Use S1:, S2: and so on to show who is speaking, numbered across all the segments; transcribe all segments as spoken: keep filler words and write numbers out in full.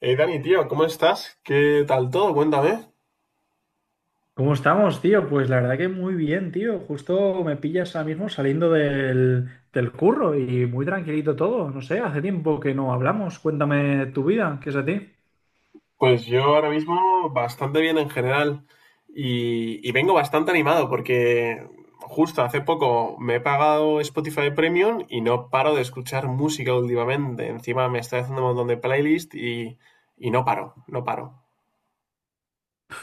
S1: Hey Dani, tío, ¿cómo estás? ¿Qué tal todo? Cuéntame.
S2: ¿Cómo estamos, tío? Pues la verdad que muy bien, tío. Justo me pillas ahora mismo saliendo del, del curro y muy tranquilito todo. No sé, hace tiempo que no hablamos. Cuéntame tu vida, ¿qué es de ti?
S1: Pues yo ahora mismo bastante bien en general y, y vengo bastante animado porque justo hace poco me he pagado Spotify Premium y no paro de escuchar música últimamente. Encima me estoy haciendo un montón de playlist y, y no paro, no paro.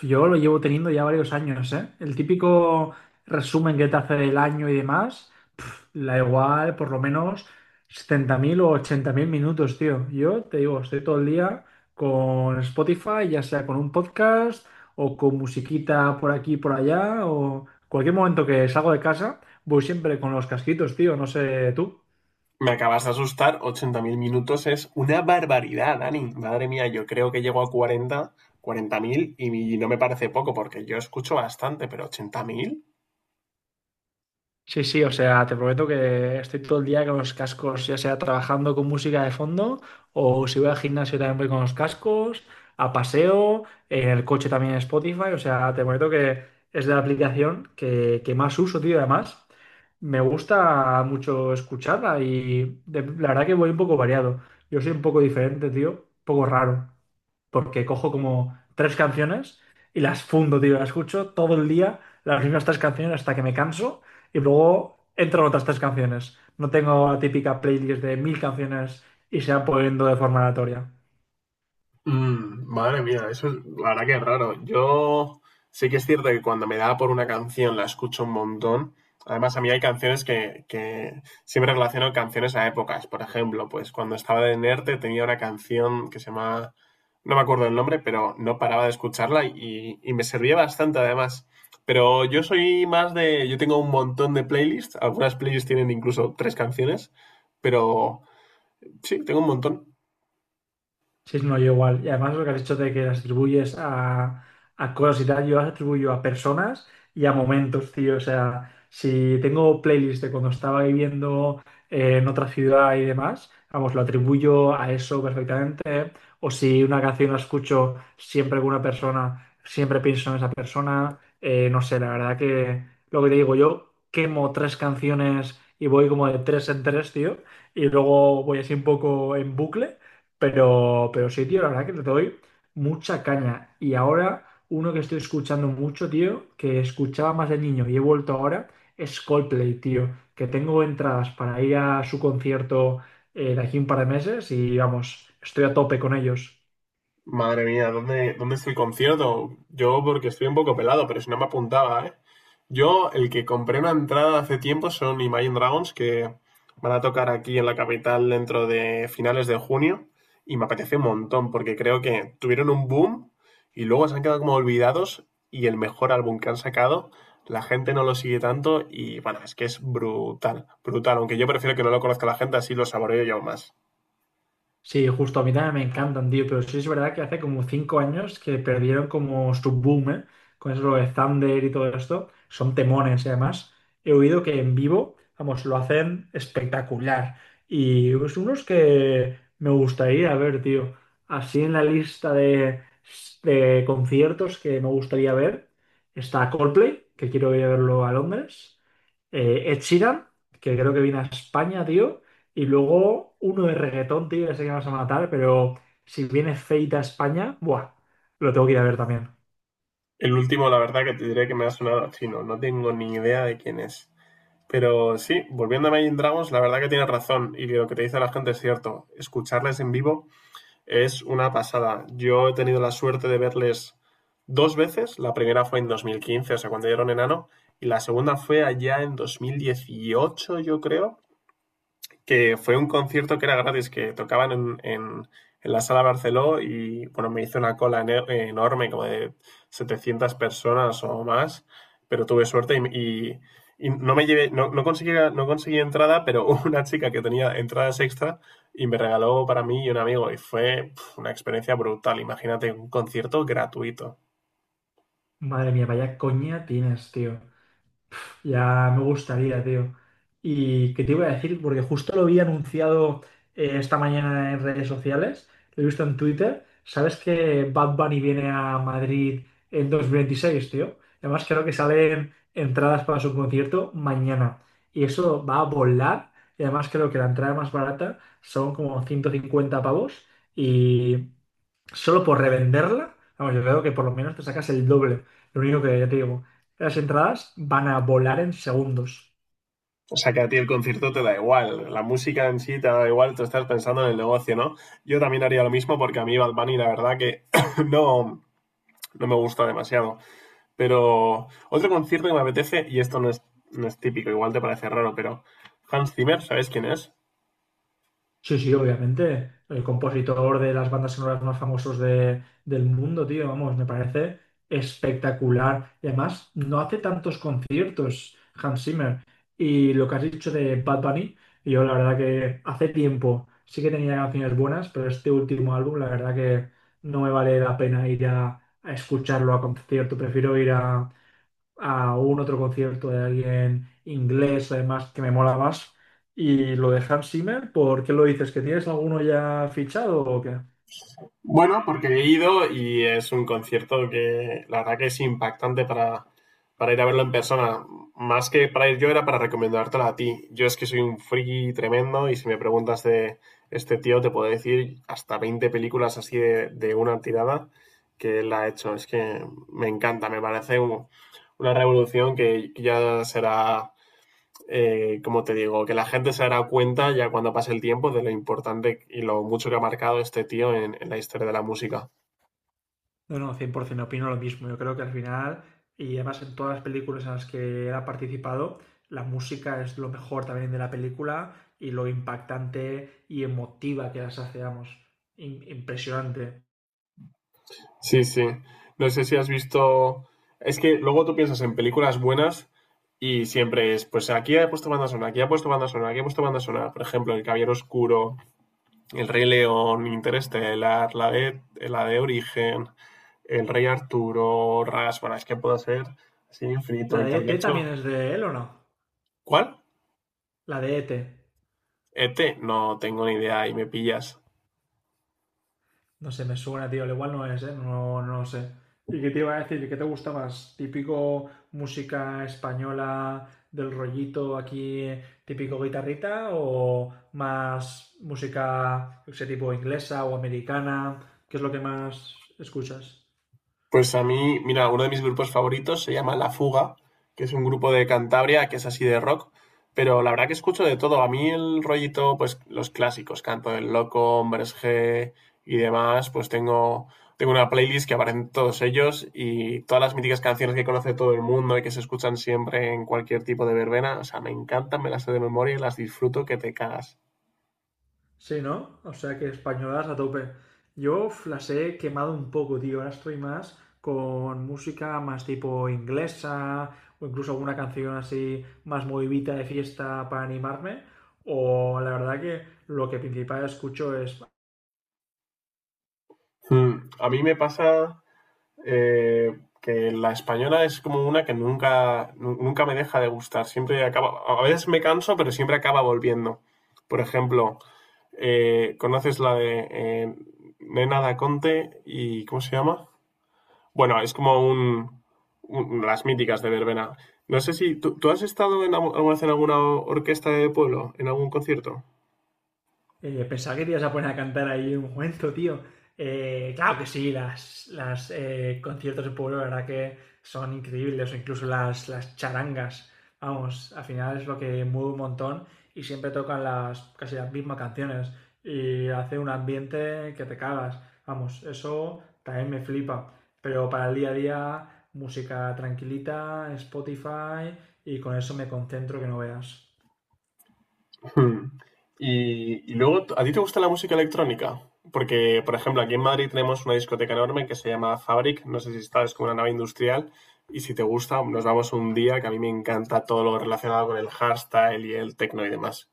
S2: Yo lo llevo teniendo ya varios años, ¿eh? El típico resumen que te hace el año y demás, pf, la igual por lo menos setenta mil o ochenta mil minutos, tío. Yo te digo, estoy todo el día con Spotify, ya sea con un podcast o con musiquita por aquí, por allá, o cualquier momento que salgo de casa, voy siempre con los casquitos, tío, no sé tú.
S1: Me acabas de asustar, ochenta mil minutos es una barbaridad, Dani. Madre mía, yo creo que llego a cuarenta cuarenta mil y mi- no me parece poco porque yo escucho bastante, pero ochenta mil.
S2: Sí, sí, o sea, te prometo que estoy todo el día con los cascos, ya sea trabajando con música de fondo o si voy al gimnasio también voy con los cascos, a paseo, en el coche también Spotify, o sea, te prometo que es la aplicación que, que más uso, tío, además. Me gusta mucho escucharla y de- la verdad que voy un poco variado. Yo soy un poco diferente, tío, un poco raro, porque cojo como tres canciones y las fundo, tío, las escucho todo el día, las mismas tres canciones hasta que me canso y luego entran otras tres canciones. No tengo la típica playlist de mil canciones y se van poniendo de forma aleatoria.
S1: Mm, madre mía, eso es, la verdad que es raro. Yo sí que es cierto que cuando me da por una canción la escucho un montón. Además, a mí hay canciones que, que siempre relaciono canciones a épocas. Por ejemplo, pues cuando estaba de Nerte tenía una canción que se llama, no me acuerdo el nombre, pero no paraba de escucharla y, y me servía bastante además. Pero yo soy más de, yo tengo un montón de playlists. Algunas playlists tienen incluso tres canciones, pero sí, tengo un montón.
S2: Sí, no, yo igual. Y además lo que has hecho de que las atribuyes a, a cosas y tal, yo las atribuyo a personas y a momentos, tío. O sea, si tengo playlist de cuando estaba viviendo eh, en otra ciudad y demás, vamos, lo atribuyo a eso perfectamente. O si una canción la escucho siempre con una persona, siempre pienso en esa persona. Eh, no sé, la verdad que lo que te digo, yo quemo tres canciones y voy como de tres en tres, tío. Y luego voy así un poco en bucle. Pero, pero sí, tío, la verdad que le doy mucha caña. Y ahora, uno que estoy escuchando mucho, tío, que escuchaba más de niño y he vuelto ahora, es Coldplay, tío. Que tengo entradas para ir a su concierto eh, de aquí un par de meses y vamos, estoy a tope con ellos.
S1: Madre mía, ¿dónde, dónde estoy concierto? Yo porque estoy un poco pelado, pero si no me apuntaba, ¿eh? Yo, el que compré una entrada hace tiempo son Imagine Dragons, que van a tocar aquí en la capital dentro de finales de junio, y me apetece un montón, porque creo que tuvieron un boom y luego se han quedado como olvidados, y el mejor álbum que han sacado, la gente no lo sigue tanto, y bueno, es que es brutal, brutal, aunque yo prefiero que no lo conozca la gente, así lo saboreo yo más.
S2: Sí, justo a mí también me encantan, tío, pero sí es verdad que hace como cinco años que perdieron como su boom, ¿eh? Con eso de Thunder y todo esto. Son temones y además he oído que en vivo, vamos, lo hacen espectacular. Y es unos que me gustaría ver, tío. Así en la lista de, de conciertos que me gustaría ver está Coldplay, que quiero ir a verlo a Londres. Eh, Ed Sheeran, que creo que viene a España, tío. Y luego uno de reggaetón, tío, ya sé que me vas a matar, pero si viene Feita a España, buah, lo tengo que ir a ver también.
S1: El último, la verdad que te diré que me ha sonado a chino, no tengo ni idea de quién es. Pero sí, volviendo a Imagine Dragons, la verdad que tienes razón y lo que te dice la gente es cierto. Escucharles en vivo es una pasada. Yo he tenido la suerte de verles dos veces. La primera fue en dos mil quince, o sea, cuando dieron enano, y la segunda fue allá en dos mil dieciocho, yo creo, que fue un concierto que era gratis, que tocaban en, en, en la sala Barceló y bueno, me hice una cola ene- enorme, como de setecientas personas o más, pero tuve suerte y, y- y no me llevé, no, no conseguí, no conseguí entrada, pero una chica que tenía entradas extra y me regaló para mí y un amigo y fue pf, una experiencia brutal. Imagínate un concierto gratuito.
S2: Madre mía, vaya coña tienes, tío. Ya me gustaría, tío. ¿Y qué te iba a decir? Porque justo lo vi anunciado eh, esta mañana en redes sociales, lo he visto en Twitter. ¿Sabes que Bad Bunny viene a Madrid en dos mil veintiséis tío? Además, creo que salen entradas para su concierto mañana. Y eso va a volar. Y además creo que la entrada más barata son como ciento cincuenta pavos. Y solo por revenderla, vamos, yo creo que por lo menos te sacas el doble. Lo único que ya te digo, las entradas van a volar en segundos.
S1: O sea, que a ti el concierto te da igual, la música en sí te da igual, tú estás pensando en el negocio, ¿no? Yo también haría lo mismo porque a mí Bad Bunny la verdad que no, no me gusta demasiado. Pero otro concierto que me apetece, y esto no es, no es típico, igual te parece raro, pero Hans Zimmer, ¿sabes quién es?
S2: Sí, sí, obviamente. El compositor de las bandas sonoras más famosos de- del mundo, tío, vamos, me parece espectacular. Y además, no hace tantos conciertos, Hans Zimmer. Y lo que has dicho de Bad Bunny, yo la verdad que hace tiempo sí que tenía canciones buenas, pero este último álbum, la verdad que no me vale la pena ir a, a escucharlo a concierto. Prefiero ir a, a un otro concierto de alguien inglés, además, que me mola más. Y lo de Hans Zimmer, ¿por qué lo dices? ¿Que tienes alguno ya fichado o qué?
S1: Bueno, porque he ido y es un concierto que la verdad que es impactante para, para ir a verlo en persona. Más que para ir yo era para recomendártelo a ti. Yo es que soy un friki tremendo y si me preguntas de este tío te puedo decir hasta veinte películas así de, de una tirada que él ha hecho. Es que me encanta, me parece un- una revolución que que ya será eh, como te digo, que la gente se dará cuenta ya cuando pase el tiempo de lo importante y lo mucho que ha marcado este tío en, en la historia de la música.
S2: No, no, cien por ciento opino lo mismo. Yo creo que al final, y además en todas las películas en las que él ha participado, la música es lo mejor también de la película y lo impactante y emotiva que las hace, vamos. Im- impresionante.
S1: Sí, sí. No sé si has visto... Es que luego tú piensas en películas buenas y siempre es, pues aquí ha puesto banda sonora, aquí ha puesto banda sonora, aquí ha puesto banda sonora. Por ejemplo, El Caballero Oscuro, El Rey León, Interestelar, la de, la de Origen, El Rey Arturo, Ras, bueno, es que puedo ser así infinito,
S2: ¿La
S1: y
S2: de
S1: también he
S2: E T también
S1: hecho...
S2: es de él o no?
S1: ¿Cuál?
S2: La de E T.
S1: Ete, no tengo ni idea y me pillas.
S2: No sé, me suena, tío. Al igual no es, ¿eh? No, no lo sé. ¿Y qué te iba a decir? ¿Qué te gusta más? ¿Típico música española del rollito aquí, típico guitarrita? ¿O más música, yo qué sé, tipo inglesa o americana? ¿Qué es lo que más escuchas?
S1: Pues a mí, mira, uno de mis grupos favoritos se llama La Fuga, que es un grupo de Cantabria que es así de rock, pero la verdad que escucho de todo. A mí el rollito, pues los clásicos, Canto del Loco, Hombres G y demás, pues tengo, tengo una playlist que aparecen todos ellos y todas las míticas canciones que conoce todo el mundo y que se escuchan siempre en cualquier tipo de verbena. O sea, me encantan, me las sé de memoria y las disfruto que te cagas.
S2: Sí, ¿no? O sea que españolas a tope. Yo uf, las he quemado un poco, tío. Ahora estoy más con música más tipo inglesa o incluso alguna canción así más movidita de fiesta para animarme. O la verdad que lo que principal escucho es
S1: Hmm, A mí me pasa eh, que la española es como una que nunca, nu- nunca me deja de gustar. Siempre acaba, a veces me canso, pero siempre acaba volviendo. Por ejemplo, eh, ¿conoces la de eh, Nena da Conte y cómo se llama? Bueno, es como un, un- las míticas de Verbena. No sé si tú, tú has estado en, algu- alguna vez en alguna orquesta de pueblo, en algún concierto.
S2: Eh, pensaba que te ibas a poner a cantar ahí un momento, tío. Eh, claro que sí, las, las eh, conciertos de pueblo, la verdad que son increíbles, o incluso las, las charangas. Vamos, al final es lo que mueve un montón y siempre tocan las casi las mismas canciones y hace un ambiente que te cagas. Vamos, eso también me flipa. Pero para el día a día, música tranquilita, Spotify y con eso me concentro que no veas.
S1: Hmm. Y, y luego, ¿a ti te gusta la música electrónica? Porque, por ejemplo, aquí en Madrid tenemos una discoteca enorme que se llama Fabric, no sé si está, es como una nave industrial, y si te gusta, nos vamos un día, que a mí me encanta todo lo relacionado con el hardstyle y el techno y demás.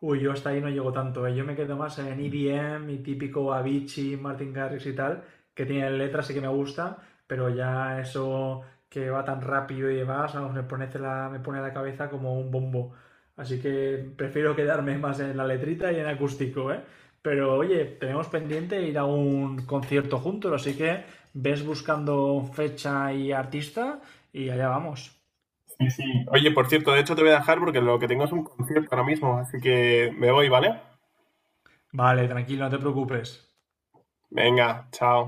S2: Uy, yo hasta ahí no llego tanto, ¿eh? Yo me quedo más en E D M y típico Avicii, Martin Garrix y tal, que tienen letras y que me gusta, pero ya eso que va tan rápido y demás, vamos, me pone la, me pone la cabeza como un bombo. Así que prefiero quedarme más en la letrita y en acústico, ¿eh? Pero oye, tenemos pendiente ir a un concierto juntos, así que ves buscando fecha y artista y allá vamos.
S1: Sí, sí. Oye, por cierto, de hecho te voy a dejar porque lo que tengo es un concierto ahora mismo, así que me voy, ¿vale?
S2: Vale, tranquilo, no te preocupes.
S1: Venga, chao.